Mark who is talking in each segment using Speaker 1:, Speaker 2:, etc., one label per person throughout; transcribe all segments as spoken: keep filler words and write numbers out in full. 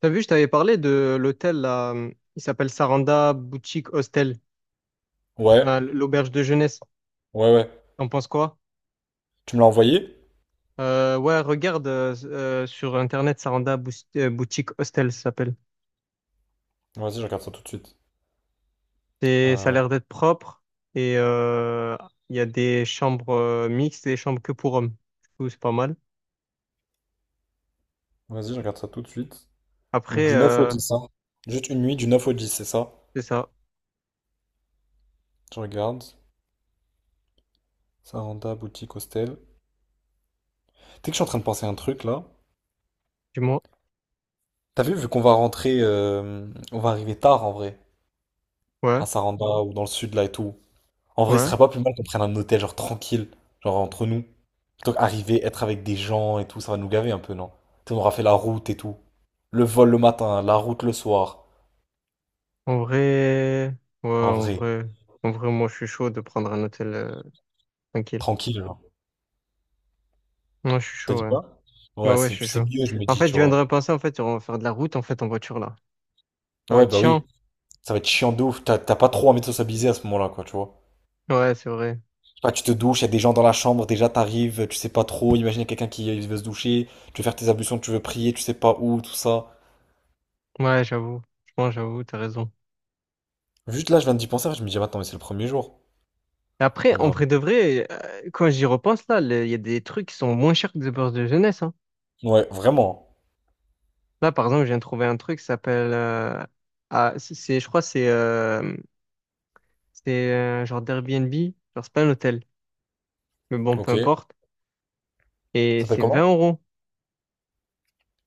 Speaker 1: T'as vu, je t'avais parlé de l'hôtel là, hum, il s'appelle Saranda Boutique Hostel,
Speaker 2: Ouais,
Speaker 1: euh, l'auberge de jeunesse.
Speaker 2: ouais, ouais.
Speaker 1: T'en penses quoi?
Speaker 2: Tu me l'as envoyé?
Speaker 1: Euh, ouais, regarde euh, euh, sur internet Saranda Bou- euh, Boutique Hostel ça s'appelle.
Speaker 2: Vas-y, je regarde ça tout de suite.
Speaker 1: C'est, ça a
Speaker 2: Euh,
Speaker 1: l'air d'être propre et euh, il y a des chambres euh, mixtes et des chambres que pour hommes. Du coup, c'est pas mal.
Speaker 2: vas-y, je regarde ça tout de suite. Donc
Speaker 1: Après,
Speaker 2: du neuf au
Speaker 1: euh,
Speaker 2: dix, hein. Juste une nuit, du neuf au dix, c'est ça?
Speaker 1: c'est ça.
Speaker 2: Je regarde. Saranda, boutique, hostel. Tu sais que je suis en train de penser à un truc là.
Speaker 1: Dis-moi.
Speaker 2: T'as vu, vu qu'on va rentrer, euh, on va arriver tard en vrai,
Speaker 1: Ouais,
Speaker 2: à Saranda ou dans le sud là et tout. En vrai, ce
Speaker 1: ouais.
Speaker 2: serait pas plus mal qu'on prenne un hôtel genre tranquille, genre entre nous. Plutôt qu'arriver, être avec des gens et tout, ça va nous gaver un peu, non? Tu sais, on aura fait la route et tout. Le vol le matin, la route le soir.
Speaker 1: En vrai, ouais,
Speaker 2: En
Speaker 1: en
Speaker 2: vrai.
Speaker 1: vrai, en vrai, moi je suis chaud de prendre un hôtel euh, tranquille.
Speaker 2: Tranquille, genre.
Speaker 1: Moi je suis
Speaker 2: T'as
Speaker 1: chaud,
Speaker 2: dit
Speaker 1: ouais.
Speaker 2: quoi? Ouais,
Speaker 1: Bah ouais, je
Speaker 2: c'est
Speaker 1: suis
Speaker 2: c'est
Speaker 1: chaud.
Speaker 2: mieux, je me
Speaker 1: En
Speaker 2: dis,
Speaker 1: fait,
Speaker 2: tu
Speaker 1: je viens de
Speaker 2: vois.
Speaker 1: repenser, en fait, on va faire de la route, en fait, en voiture, là. Ça va
Speaker 2: Ouais,
Speaker 1: être
Speaker 2: bah oui,
Speaker 1: chiant.
Speaker 2: ça va être chiant de ouf. T'as t'as pas trop envie de sociabiliser à ce moment-là, quoi, tu vois.
Speaker 1: Ouais, c'est vrai.
Speaker 2: Je sais pas, tu te douches, y a des gens dans la chambre, déjà t'arrives, tu sais pas trop. Imagine y a quelqu'un qui veut se doucher, tu veux faire tes ablutions, tu veux prier, tu sais pas où, tout ça.
Speaker 1: Ouais, j'avoue. Franchement, j'avoue, t'as raison.
Speaker 2: Juste là, je viens d'y penser, je me dis, ah, attends, mais c'est le premier jour.
Speaker 1: Et après,
Speaker 2: Donc
Speaker 1: en
Speaker 2: voilà.
Speaker 1: vrai de vrai, euh, quand j'y repense, là, le- il y a des trucs qui sont moins chers que des bourses de jeunesse, hein.
Speaker 2: Ouais, vraiment.
Speaker 1: Là, par exemple, je viens de trouver un truc qui s'appelle, euh, ah, c'est, c'est- je crois, que c'est, euh, c'est, euh, genre d'Airbnb. Genre, c'est pas un hôtel. Mais bon, peu
Speaker 2: Ok, ça
Speaker 1: importe. Et
Speaker 2: s'appelle
Speaker 1: c'est 20
Speaker 2: comment?
Speaker 1: euros.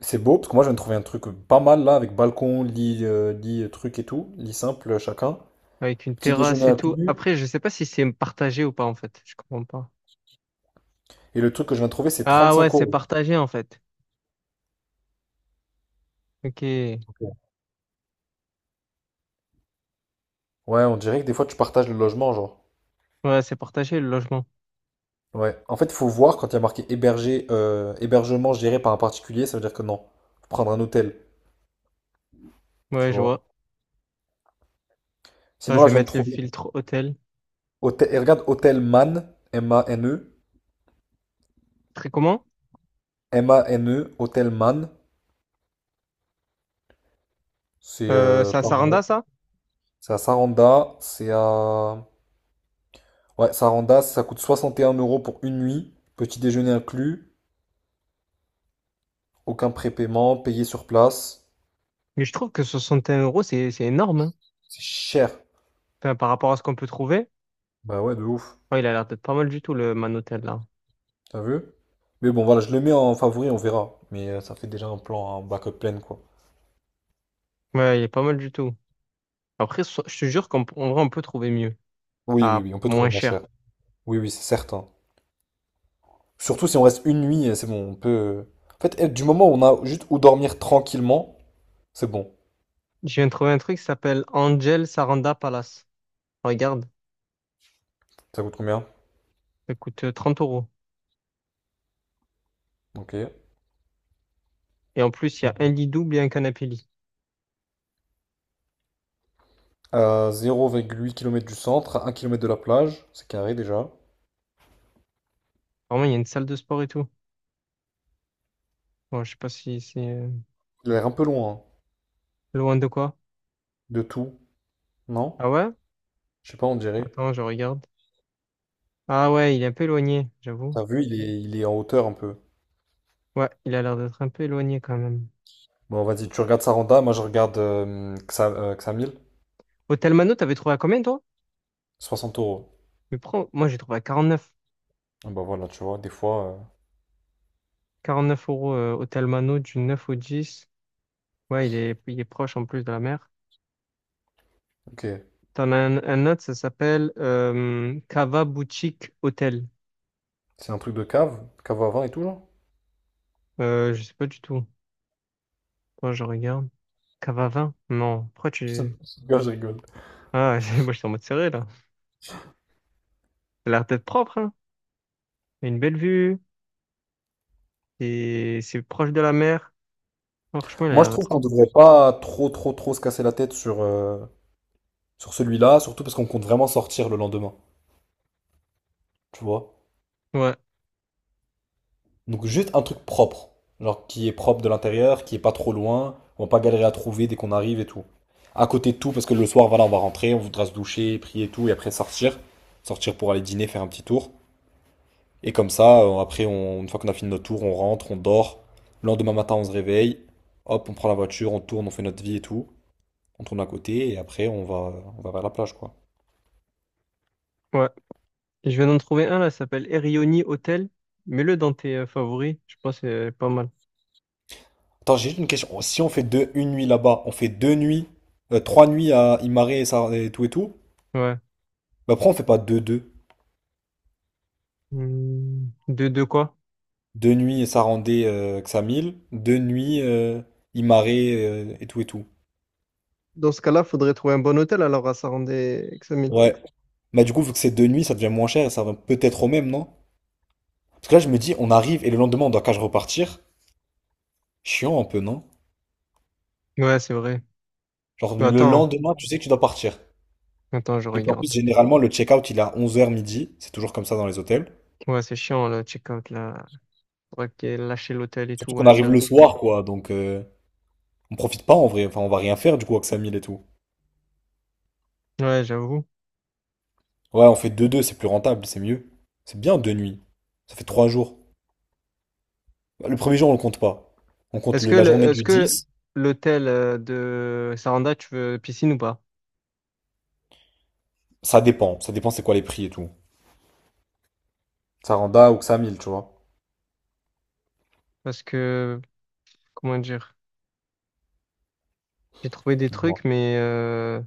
Speaker 2: C'est beau, parce que moi, je viens de trouver un truc pas mal là, avec balcon, lit, euh, lit, euh, truc et tout. Lit simple, euh, chacun.
Speaker 1: Avec une
Speaker 2: Petit déjeuner
Speaker 1: terrasse et tout.
Speaker 2: inclus.
Speaker 1: Après, je sais pas si c'est partagé ou pas, en fait. Je comprends pas.
Speaker 2: Et le truc que je viens de trouver, c'est
Speaker 1: Ah ouais,
Speaker 2: trente-cinq
Speaker 1: c'est
Speaker 2: euros.
Speaker 1: partagé, en fait. Ok.
Speaker 2: Ok. Ouais, on dirait que des fois tu partages le logement, genre.
Speaker 1: Ouais, c'est partagé le logement.
Speaker 2: Ouais. En fait, il faut voir quand il y a marqué hébergé, euh, hébergement géré par un particulier, ça veut dire que non. Faut prendre un hôtel,
Speaker 1: Ouais,
Speaker 2: tu
Speaker 1: je
Speaker 2: vois.
Speaker 1: vois. Attends,
Speaker 2: Sinon,
Speaker 1: je
Speaker 2: là,
Speaker 1: vais
Speaker 2: je viens de
Speaker 1: mettre le
Speaker 2: trouver.
Speaker 1: filtre hôtel.
Speaker 2: Hôtel, et regarde, Hôtel Man, M-A-N-E,
Speaker 1: Très comment?
Speaker 2: M-A-N-E, Hôtel Man, c'est
Speaker 1: Euh,
Speaker 2: euh,
Speaker 1: c'est à
Speaker 2: pas
Speaker 1: Saranda,
Speaker 2: mal.
Speaker 1: ça?
Speaker 2: C'est à Saranda, c'est à. Ouais, Saranda, ça coûte soixante et un euros pour une nuit, petit déjeuner inclus, aucun prépaiement, payé sur place.
Speaker 1: Mais je trouve que soixante et un euros, c'est c'est énorme, hein.
Speaker 2: C'est cher.
Speaker 1: Enfin, par rapport à ce qu'on peut trouver.
Speaker 2: Bah ouais, de ouf.
Speaker 1: Ouais, il a l'air d'être pas mal du tout, le Man Hotel là.
Speaker 2: T'as vu? Mais bon, voilà, je le mets en favori, on verra. Mais euh, ça fait déjà un plan, un backup plein, quoi.
Speaker 1: Ouais, il est pas mal du tout. Après, so- je te jure qu'en en vrai, on peut trouver mieux.
Speaker 2: Oui, oui,
Speaker 1: À
Speaker 2: oui, on peut
Speaker 1: moins
Speaker 2: trouver moins
Speaker 1: cher.
Speaker 2: cher. Oui, oui, c'est certain. Surtout si on reste une nuit, euh, c'est bon, on peut... euh, En fait, eh, du moment où on a juste où dormir tranquillement, c'est bon.
Speaker 1: Je viens de trouver un truc qui s'appelle Angel Saranda Palace. Regarde,
Speaker 2: Ça coûte combien?
Speaker 1: ça coûte euh, trente euros.
Speaker 2: Ok.
Speaker 1: Et en plus, il y a un lit double et un canapé lit.
Speaker 2: Euh, zéro virgule huit kilomètres du centre, un kilomètre de la plage, c'est carré déjà.
Speaker 1: Vraiment, il y a une salle de sport et tout. Bon, je sais pas si c'est euh,
Speaker 2: Il a l'air un peu loin, hein,
Speaker 1: loin de quoi.
Speaker 2: de tout, non?
Speaker 1: Ah ouais?
Speaker 2: Je sais pas, on dirait.
Speaker 1: Attends, je regarde. Ah ouais, il est un peu éloigné, j'avoue.
Speaker 2: T'as vu, il est, il est en hauteur un peu.
Speaker 1: Ouais, il a l'air d'être un peu éloigné quand même.
Speaker 2: Bon, vas-y, tu regardes Saranda, moi je regarde euh, Xa- euh, Xamil,
Speaker 1: Hôtel Mano, t'avais trouvé à combien toi?
Speaker 2: soixante euros.
Speaker 1: Mais prends... Moi j'ai trouvé à quarante-neuf.
Speaker 2: Ah bah voilà, tu vois, des fois. euh,
Speaker 1: quarante-neuf euros euh, Hôtel Mano du neuf au dix. Ouais, il est, il est proche en plus de la mer.
Speaker 2: Ok.
Speaker 1: T'en as un, un autre, ça s'appelle euh, Cava Boutique Hôtel.
Speaker 2: C'est un truc de cave, cave à vin et tout, genre?
Speaker 1: Euh, je sais pas du tout. Attends, je regarde. Cava vingt? Non. Pourquoi tu...
Speaker 2: Gars, je rigole.
Speaker 1: Ah, moi je suis en mode serré là. Il a l'air d'être propre, hein. Il a une belle vue. Et c'est proche de la mer. Franchement, il a
Speaker 2: Moi, je
Speaker 1: l'air d'être
Speaker 2: trouve qu'on
Speaker 1: propre.
Speaker 2: devrait pas trop, trop, trop se casser la tête sur, euh, sur celui-là, surtout parce qu'on compte vraiment sortir le lendemain, tu vois.
Speaker 1: Ouais,
Speaker 2: Donc, juste un truc propre, genre qui est propre de l'intérieur, qui est pas trop loin, on va pas galérer à trouver dès qu'on arrive et tout. À côté de tout, parce que le soir, voilà, on va rentrer, on voudra se doucher, prier et tout, et après sortir. Sortir pour aller dîner, faire un petit tour. Et comme ça, euh, après, on- une fois qu'on a fini notre tour, on rentre, on dort. Le lendemain matin, on se réveille. Hop, on prend la voiture, on tourne, on fait notre vie et tout. On tourne à côté et après, on va, on va vers la plage, quoi.
Speaker 1: ouais, je viens d'en trouver un là, ça s'appelle Erioni Hotel. Mets-le dans tes euh, favoris, je pense que c'est pas mal.
Speaker 2: Attends, j'ai juste une question. Si on fait deux, une nuit là-bas, on fait deux nuits, euh, trois nuits à Imare et, Sar- et tout et tout.
Speaker 1: Ouais.
Speaker 2: Bah, pourquoi on fait pas deux, deux?
Speaker 1: Hmm, De, de quoi?
Speaker 2: Deux nuits et Sarandé, euh, Xamil. Deux nuits, euh, Imare, euh, et tout et tout.
Speaker 1: Dans ce cas-là, faudrait trouver un bon hôtel alors à Sarandé-Examil.
Speaker 2: Ouais. Bah, du coup, vu que c'est deux nuits, ça devient moins cher et ça va peut-être au même, non? Parce que là, je me dis, on arrive et le lendemain, on doit qu'à repartir. Chiant un peu, non?
Speaker 1: Ouais, c'est vrai.
Speaker 2: Genre
Speaker 1: Mais
Speaker 2: le
Speaker 1: attends,
Speaker 2: lendemain, tu sais que tu dois partir.
Speaker 1: attends, je
Speaker 2: Et puis en plus,
Speaker 1: regarde.
Speaker 2: généralement, le check-out, il est à onze heures midi. C'est toujours comme ça dans les hôtels.
Speaker 1: Ouais, c'est chiant le check-out là. Faudrait que lâcher l'hôtel et tout,
Speaker 2: Surtout qu'on
Speaker 1: ouais, c'est
Speaker 2: arrive
Speaker 1: vrai.
Speaker 2: le soir, quoi. Donc euh, on profite pas en vrai. Enfin, on va rien faire du coup avec sa mille et tout.
Speaker 1: Ouais, j'avoue.
Speaker 2: Ouais, on fait deux deux c'est plus rentable, c'est mieux. C'est bien deux nuits. Ça fait trois jours. Bah, le premier jour, on le compte pas. On compte
Speaker 1: Est-ce
Speaker 2: le-
Speaker 1: que
Speaker 2: la
Speaker 1: le-
Speaker 2: journée
Speaker 1: est-ce
Speaker 2: du
Speaker 1: que
Speaker 2: dix.
Speaker 1: l'hôtel euh, de Saranda, tu veux piscine ou pas?
Speaker 2: Ça dépend. Ça dépend c'est quoi les prix et tout. Ça rend Saranda ou que ça mille tu vois.
Speaker 1: Parce que, comment dire, j'ai trouvé des trucs, mais euh,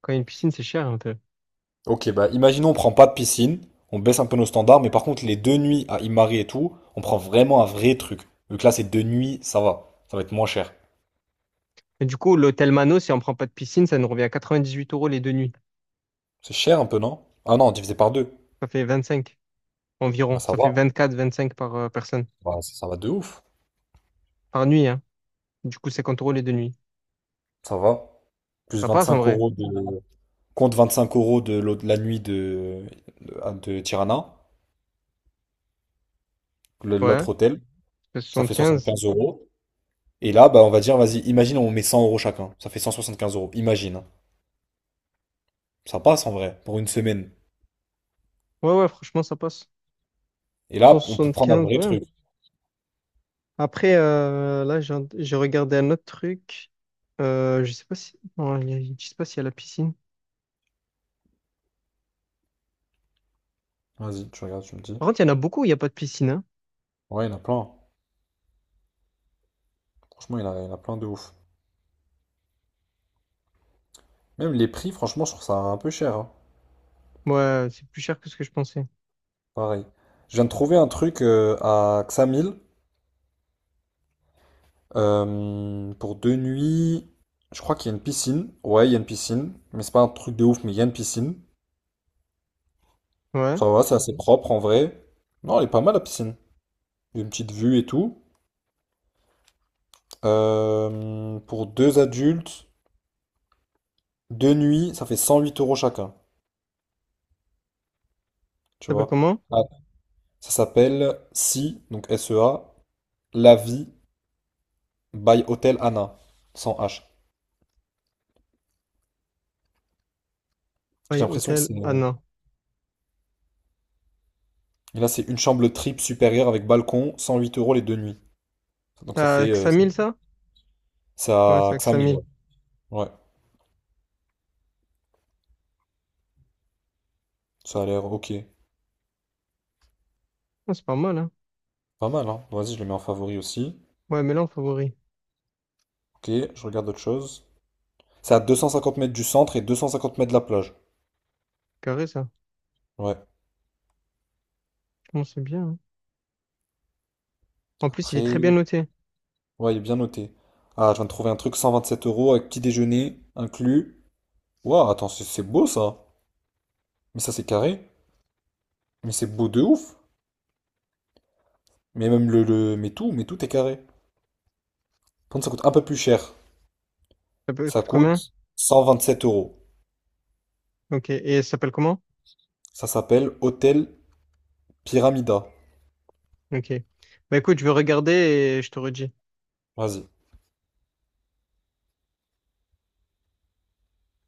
Speaker 1: quand il y a une piscine, c'est cher un peu.
Speaker 2: Ok, bah imaginons on prend pas de piscine, on baisse un peu nos standards, mais par contre les deux nuits à Imari et tout, on prend vraiment un vrai truc. Vu que là c'est deux nuits, ça va, ça va être moins cher.
Speaker 1: Et du coup, l'hôtel Mano, si on prend pas de piscine, ça nous revient à quatre-vingt-dix-huit euros les deux nuits.
Speaker 2: C'est cher un peu, non? Ah non, divisé par deux.
Speaker 1: Ça fait vingt-cinq
Speaker 2: Bah
Speaker 1: environ.
Speaker 2: ça
Speaker 1: Ça fait
Speaker 2: va,
Speaker 1: vingt-quatre, vingt-cinq par euh, personne.
Speaker 2: Bah, ça ça va de ouf,
Speaker 1: Par nuit, hein. Du coup, cinquante euros les deux nuits.
Speaker 2: ça va. Plus
Speaker 1: Ça passe en
Speaker 2: 25
Speaker 1: vrai.
Speaker 2: euros de... Compte vingt-cinq euros de l'autre- la nuit de, de, ah, de Tirana, le-
Speaker 1: Ouais. Ça
Speaker 2: l'autre hôtel,
Speaker 1: fait
Speaker 2: ça fait
Speaker 1: soixante-quinze.
Speaker 2: soixante-quinze euros. Et là, bah on va dire, vas-y, imagine on met cent euros chacun, ça fait cent soixante-quinze euros, imagine, hein. Ça passe en vrai, pour une semaine.
Speaker 1: Ouais, ouais, franchement, ça passe.
Speaker 2: Et là, on peut prendre un
Speaker 1: cent soixante-quinze,
Speaker 2: vrai
Speaker 1: ouais.
Speaker 2: truc.
Speaker 1: Après, euh, là, j'ai j'ai regardé un autre truc. Euh, je sais pas si. Non, il y a- je sais pas s'il y a la piscine.
Speaker 2: Vas-y, tu regardes, tu me dis.
Speaker 1: Par contre, il y en a beaucoup où il n'y a pas de piscine, hein.
Speaker 2: Ouais, il y en a plein. Franchement, il y en a, il y en a plein de ouf. Même les prix, franchement, je trouve ça un peu cher, hein.
Speaker 1: Ouais, c'est plus cher que ce que je pensais.
Speaker 2: Pareil. Je viens de trouver un truc euh, à Xamil euh, pour deux nuits. Je crois qu'il y a une piscine. Ouais, il y a une piscine. Mais c'est pas un truc de ouf, mais il y a une piscine.
Speaker 1: Ouais. Ça
Speaker 2: Ça va, c'est assez Mhm. propre en vrai. Non, elle est pas mal la piscine. Une petite vue et tout. Euh, pour deux adultes, deux nuits, ça fait cent huit euros chacun. Tu
Speaker 1: s'appelle
Speaker 2: vois?
Speaker 1: comment?
Speaker 2: Ah, ça s'appelle Si, donc S E A, La Vie. By Hotel Anna, sans H. J'ai
Speaker 1: Ouais,
Speaker 2: l'impression que
Speaker 1: hôtel.
Speaker 2: c'est. Et
Speaker 1: Ah non.
Speaker 2: là, c'est une chambre triple supérieure avec balcon, cent huit euros les deux nuits. Donc ça
Speaker 1: T'as
Speaker 2: fait,
Speaker 1: que
Speaker 2: euh,
Speaker 1: cinq mille, ça? Ouais, c'est
Speaker 2: ça,
Speaker 1: à
Speaker 2: que
Speaker 1: que
Speaker 2: ça mille, ouais.
Speaker 1: cinq mille.
Speaker 2: Ouais, ça a l'air ok.
Speaker 1: Ah, c'est pas mal, hein.
Speaker 2: Pas mal, hein. Vas-y, je le mets en favori aussi.
Speaker 1: Ouais, mais là, en favori.
Speaker 2: Ok, je regarde autre chose. C'est à deux cent cinquante mètres du centre et deux cent cinquante mètres de la plage.
Speaker 1: Carré, ça.
Speaker 2: Ouais,
Speaker 1: Franchement, c'est bien, hein. En plus, il est très
Speaker 2: après.
Speaker 1: bien noté.
Speaker 2: Ouais, il est bien noté. Ah, je viens de trouver un truc cent vingt-sept euros avec petit déjeuner inclus. Waouh, attends, c'est c'est beau ça. Mais ça, c'est carré. Mais c'est beau de ouf. Mais même le, le. Mais tout, mais tout est carré. Quand ça coûte un peu plus cher,
Speaker 1: Ça peut-
Speaker 2: ça
Speaker 1: coûte combien?
Speaker 2: coûte cent vingt-sept euros.
Speaker 1: Ok. Et ça s'appelle comment?
Speaker 2: Ça s'appelle Hôtel Pyramida.
Speaker 1: Ok. Bah écoute, je vais regarder et je te redis.
Speaker 2: Vas-y.